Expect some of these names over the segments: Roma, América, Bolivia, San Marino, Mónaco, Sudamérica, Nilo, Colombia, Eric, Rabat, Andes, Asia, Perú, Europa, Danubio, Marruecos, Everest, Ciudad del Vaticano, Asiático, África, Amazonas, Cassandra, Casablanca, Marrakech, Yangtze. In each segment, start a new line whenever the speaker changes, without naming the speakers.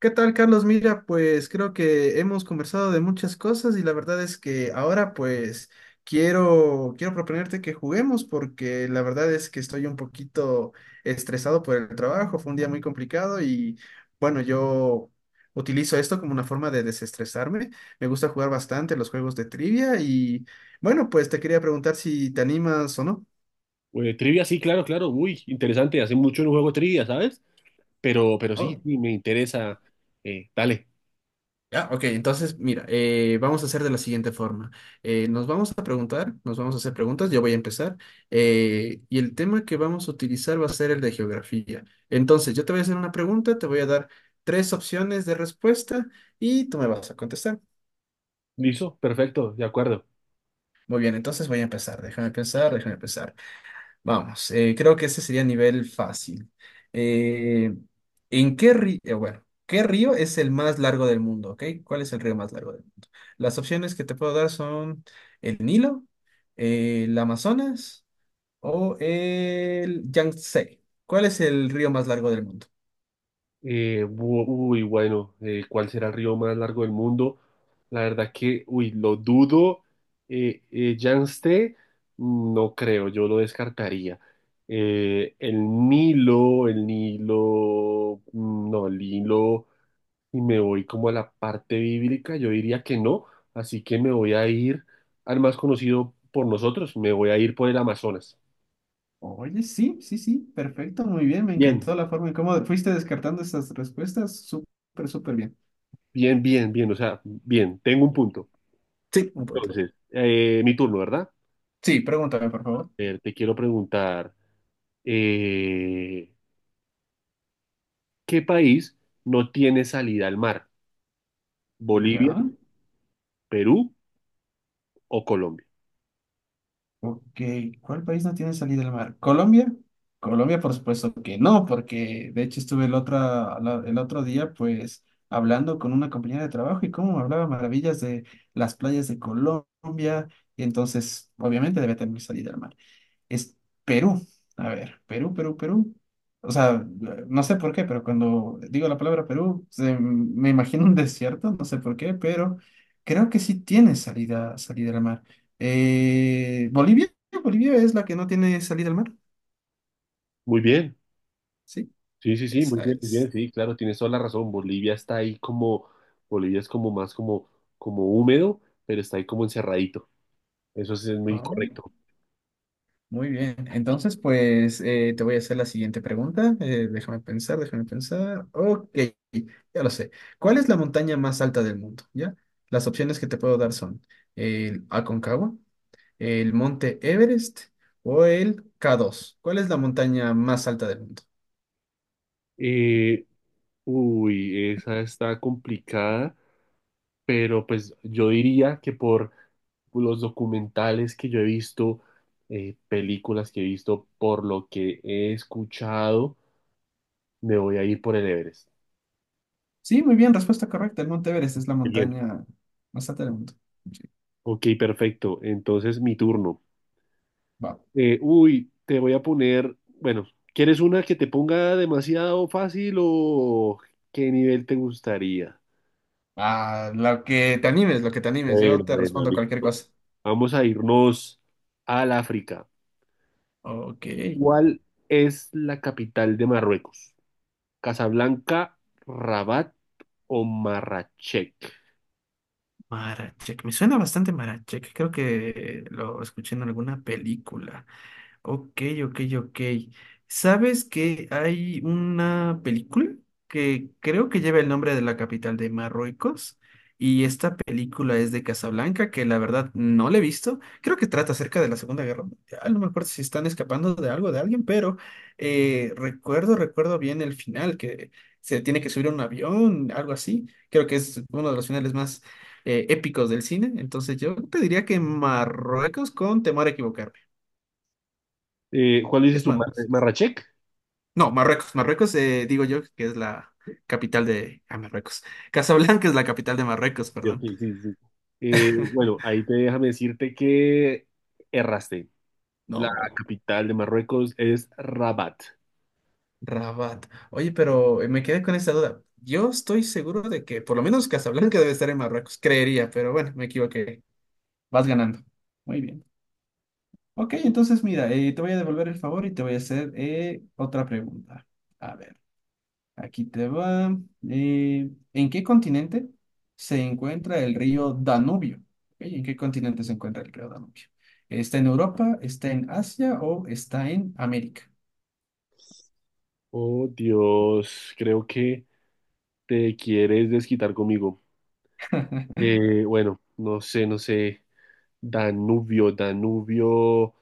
¿Qué tal, Carlos? Mira, pues creo que hemos conversado de muchas cosas y la verdad es que ahora pues quiero proponerte que juguemos porque la verdad es que estoy un poquito estresado por el trabajo, fue un día muy complicado y bueno, yo utilizo esto como una forma de desestresarme, me gusta jugar bastante los juegos de trivia y bueno, pues te quería preguntar si te animas o
Trivia, sí, claro, claro. Uy, interesante. Hace mucho no juego trivia, ¿sabes? Pero sí,
no.
sí, me interesa. Dale.
Ya, ok, entonces mira, vamos a hacer de la siguiente forma. Nos vamos a preguntar, nos vamos a hacer preguntas, yo voy a empezar, y el tema que vamos a utilizar va a ser el de geografía. Entonces, yo te voy a hacer una pregunta, te voy a dar tres opciones de respuesta y tú me vas a contestar.
¿Listo? Perfecto, de acuerdo.
Muy bien, entonces voy a empezar, déjame pensar, déjame pensar. Vamos, creo que ese sería nivel fácil. Eh, ¿En qué río? Bueno, ¿qué río es el más largo del mundo? ¿Ok? ¿Cuál es el río más largo del mundo? Las opciones que te puedo dar son el Nilo, el Amazonas o el Yangtze. ¿Cuál es el río más largo del mundo?
¿Cuál será el río más largo del mundo? La verdad que, uy, lo dudo. Yangtze, no creo, yo lo descartaría. Eh, el el Nilo, no, el Nilo. Y me voy como a la parte bíblica, yo diría que no, así que me voy a ir al más conocido por nosotros, me voy a ir por el Amazonas.
Oye, sí, sí, sí, perfecto, muy bien, me
Bien,
encantó la forma en cómo fuiste descartando estas respuestas, súper, súper bien.
bien, bien, bien, o sea, bien, tengo un punto.
Sí, un punto.
Entonces, mi turno, ¿verdad?
Sí, pregúntame, por favor.
Te quiero preguntar, eh, ¿qué país no tiene salida al mar? ¿Bolivia,
Ya.
Perú o Colombia?
Ok, ¿cuál país no tiene salida al mar? ¿Colombia? Colombia, por supuesto que no, porque de hecho estuve el otro, el otro día pues hablando con una compañera de trabajo y cómo me hablaba maravillas de las playas de Colombia, y entonces obviamente debe tener salida al mar es Perú. A ver, Perú, Perú, Perú. O sea, no sé por qué, pero cuando digo la palabra Perú, me imagino un desierto, no sé por qué, pero creo que sí tiene salida al mar. Bolivia, Bolivia es la que no tiene salida al mar,
Muy bien.
¿sí?
Sí, sí, sí,
Esa
muy bien,
es.
sí, claro, tienes toda la razón. Bolivia está ahí como, Bolivia es como más como, como húmedo, pero está ahí como encerradito. Eso sí es muy
Ah.
correcto.
Muy bien, entonces pues te voy a hacer la siguiente pregunta. Déjame pensar, déjame pensar. Ok, ya lo sé. ¿Cuál es la montaña más alta del mundo? ¿Ya? Las opciones que te puedo dar son el Aconcagua, el Monte Everest o el K2. ¿Cuál es la montaña más alta del mundo?
Eh, uy, esa está complicada, pero pues yo diría que por los documentales que yo he visto, películas que he visto, por lo que he escuchado, me voy a ir por el Everest.
Sí, muy bien, respuesta correcta. El Monte Everest es la
Bien,
montaña más alta del mundo. Sí,
ok, perfecto. Entonces mi turno.
va.
Uy, te voy a poner, bueno, ¿quieres una que te ponga demasiado fácil o qué nivel te gustaría?
Ah, lo que te animes, lo que te animes.
Bueno,
Yo te
bueno,
respondo cualquier
listo.
cosa.
Vamos a irnos al África.
Ok.
¿Cuál es la capital de Marruecos? ¿Casablanca, Rabat o Marrakech?
Marachek, me suena bastante Marachek, creo que lo escuché en alguna película. Ok, ok, ok. ¿Sabes que hay una película que creo que lleva el nombre de la capital de Marruecos? Y esta película es de Casablanca, que la verdad no la he visto. Creo que trata acerca de la Segunda Guerra Mundial. No me acuerdo si están escapando de algo, de alguien, pero recuerdo bien el final, que se tiene que subir a un avión, algo así. Creo que es uno de los finales más épicos del cine. Entonces yo te diría que Marruecos con temor a equivocarme.
¿Cuál dices
Es
tú? ¿Mar-
malo.
¿Marrakech?
No, Marruecos. Marruecos, digo yo, que es la capital de... Ah, Marruecos. Casablanca es la capital de Marruecos,
Yo,
perdón.
sí, sí, sí. Bueno, ahí te déjame decirte que erraste. La
No,
capital de Marruecos es Rabat.
Rabat. Oye, pero me quedé con esta duda. Yo estoy seguro de que por lo menos Casablanca debe estar en Marruecos, creería, pero bueno, me equivoqué. Vas ganando. Muy bien. Ok, entonces mira, te voy a devolver el favor y te voy a hacer otra pregunta. A ver. Aquí te va. ¿En qué continente se encuentra el río Danubio? Ok, ¿En qué continente se encuentra el río Danubio? ¿Está en Europa, está en Asia o está en América?
Oh, Dios, creo que te quieres desquitar conmigo. Bueno, no sé, no sé. Danubio, Danubio,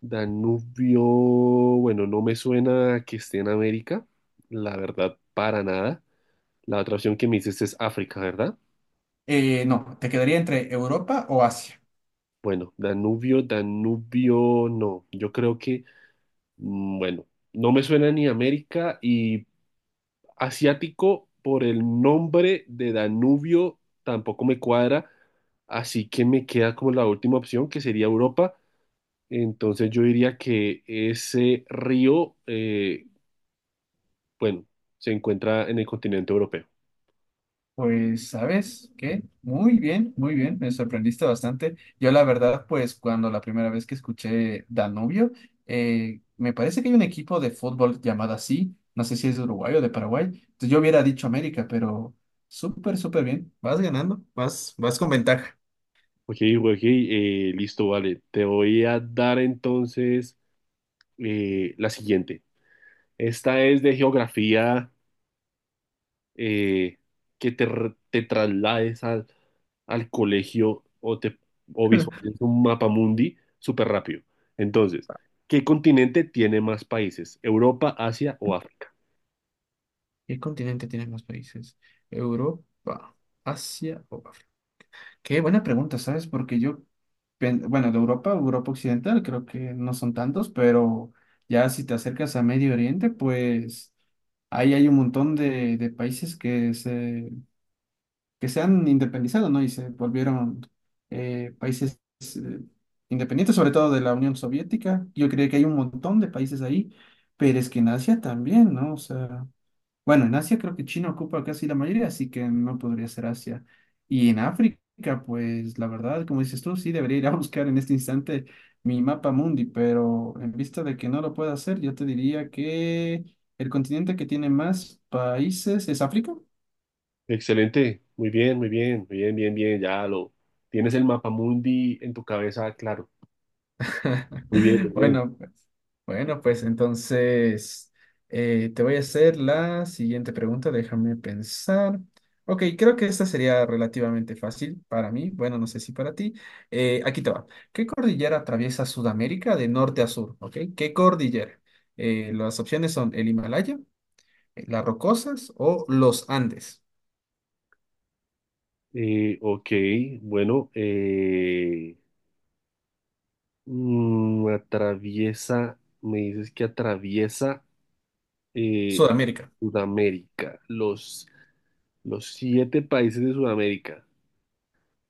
Danubio. Bueno, no me suena que esté en América, la verdad, para nada. La otra opción que me dices es África, ¿verdad?
No, te quedaría entre Europa o Asia.
Bueno, Danubio, Danubio, no. Yo creo que, bueno, no me suena ni América y Asiático por el nombre de Danubio tampoco me cuadra, así que me queda como la última opción que sería Europa. Entonces yo diría que ese río, bueno, se encuentra en el continente europeo.
Pues, ¿sabes qué? Muy bien, me sorprendiste bastante. Yo la verdad, pues cuando la primera vez que escuché Danubio, me parece que hay un equipo de fútbol llamado así, no sé si es de Uruguay o de Paraguay, entonces yo hubiera dicho América, pero súper, súper bien, vas ganando, vas, vas con ventaja.
Ok, ok, listo, vale. Te voy a dar entonces la siguiente. Esta es de geografía eh, que te, te traslades al colegio o o visualices un mapa mundi súper rápido. Entonces, ¿qué continente tiene más países? ¿Europa, Asia o África?
¿Qué continente tiene más países? Europa, Asia, qué buena pregunta, ¿sabes? Porque yo, bueno, de Europa, Europa Occidental, creo que no son tantos, pero ya si te acercas a Medio Oriente, pues ahí hay un montón de países que se han independizado, ¿no? Y se volvieron países eh, independientes, sobre todo de la Unión Soviética. Yo creo que hay un montón de países ahí, pero es que en Asia también, ¿no? O sea... Bueno, en Asia creo que China ocupa casi la mayoría, así que no podría ser Asia. Y en África, pues la verdad, como dices tú, sí debería ir a buscar en este instante mi mapa mundi, pero en vista de que no lo puedo hacer, yo te diría que el continente que tiene más países es África.
Excelente, muy bien, muy bien, muy bien, bien, bien, ya lo tienes el mapa mundi en tu cabeza, claro. Muy bien, muy bien.
Bueno, pues, bueno, pues entonces te voy a hacer la siguiente pregunta, déjame pensar. Ok, creo que esta sería relativamente fácil para mí, bueno, no sé si para ti. Aquí te va. ¿Qué cordillera atraviesa Sudamérica de norte a sur? Ok, ¿qué cordillera? Las opciones son el Himalaya, las Rocosas o los Andes.
Ok, bueno, atraviesa, me dices que atraviesa. eh,
Sudamérica.
Sudamérica, los siete países de Sudamérica.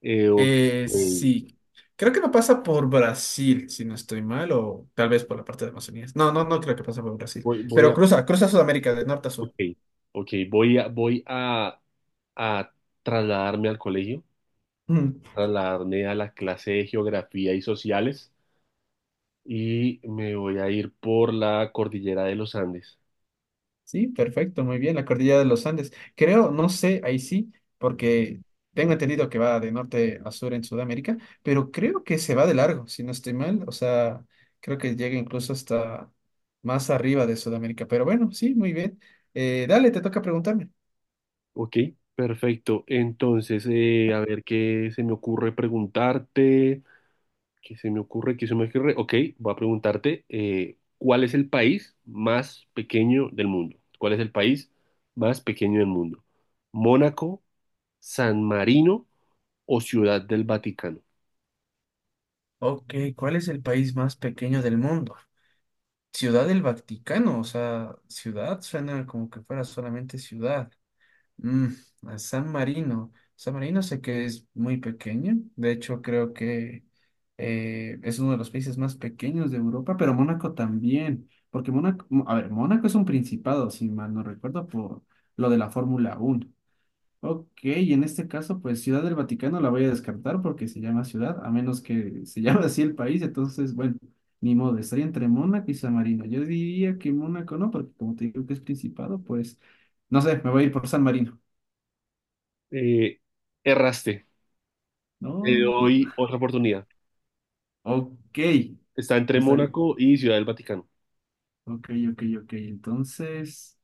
Ok,
Sí, creo que no pasa por Brasil, si no estoy mal, o tal vez por la parte de Amazonía. No, no, no creo que pasa por Brasil,
Voy, voy
pero
a,
cruza Sudamérica de norte a sur.
ok, ok, voy a, voy a trasladarme al colegio,
Mm,
trasladarme a la clase de geografía y sociales y me voy a ir por la cordillera de los Andes.
sí, perfecto, muy bien, la cordillera de los Andes. Creo, no sé, ahí sí, porque tengo entendido que va de norte a sur en Sudamérica, pero creo que se va de largo, si no estoy mal, o sea, creo que llega incluso hasta más arriba de Sudamérica, pero bueno, sí, muy bien. Dale, te toca preguntarme.
Ok, perfecto. Entonces, a ver qué se me ocurre preguntarte. ¿Qué se me ocurre? ¿Qué se me ocurre? Ok, voy a preguntarte, ¿cuál es el país más pequeño del mundo? ¿Cuál es el país más pequeño del mundo? ¿Mónaco, San Marino o Ciudad del Vaticano?
Ok, ¿cuál es el país más pequeño del mundo? Ciudad del Vaticano, o sea, ciudad suena como que fuera solamente ciudad. Mm, a San Marino. San Marino sé que es muy pequeño, de hecho creo que es uno de los países más pequeños de Europa, pero Mónaco también, porque Mónaco, a ver, Mónaco es un principado, si mal no recuerdo, por lo de la Fórmula Uno. Ok, y en este caso, pues Ciudad del Vaticano la voy a descartar porque se llama ciudad, a menos que se llame así el país, entonces, bueno, ni modo, estaría entre Mónaco y San Marino. Yo diría que Mónaco no, porque como te digo que es principado, pues, no sé, me voy a ir por San Marino.
Eh, erraste, te
No,
doy otra oportunidad.
ok,
Está entre
está bien.
Mónaco y Ciudad del Vaticano.
Ok, ok, ok, entonces,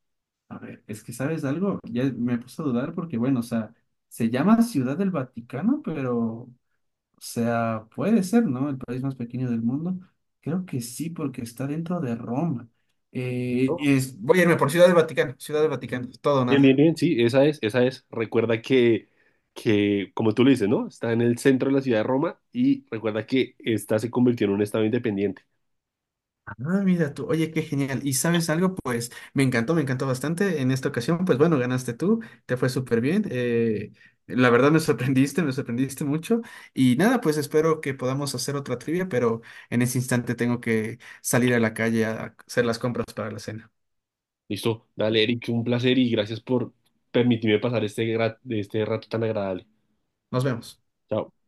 a ver, es que ¿sabes algo? Ya me puse a dudar porque, bueno, o sea, se llama Ciudad del Vaticano, pero... O sea, puede ser, ¿no? El país más pequeño del mundo. Creo que sí, porque está dentro de Roma.
¿No?
Voy a irme por Ciudad del Vaticano, todo o
Bien, bien,
nada.
bien, sí, esa es, esa es. Recuerda que, como tú lo dices, ¿no? Está en el centro de la ciudad de Roma y recuerda que esta se convirtió en un estado independiente.
Ah, mira tú, oye, qué genial. ¿Y sabes algo? Pues me encantó bastante. En esta ocasión, pues bueno, ganaste tú, te fue súper bien. La verdad me sorprendiste mucho. Y nada, pues espero que podamos hacer otra trivia, pero en ese instante tengo que salir a la calle a hacer las compras para la cena.
Listo, dale, Eric, un placer y gracias por permitirme pasar este, este rato tan agradable.
Nos vemos.
Chao.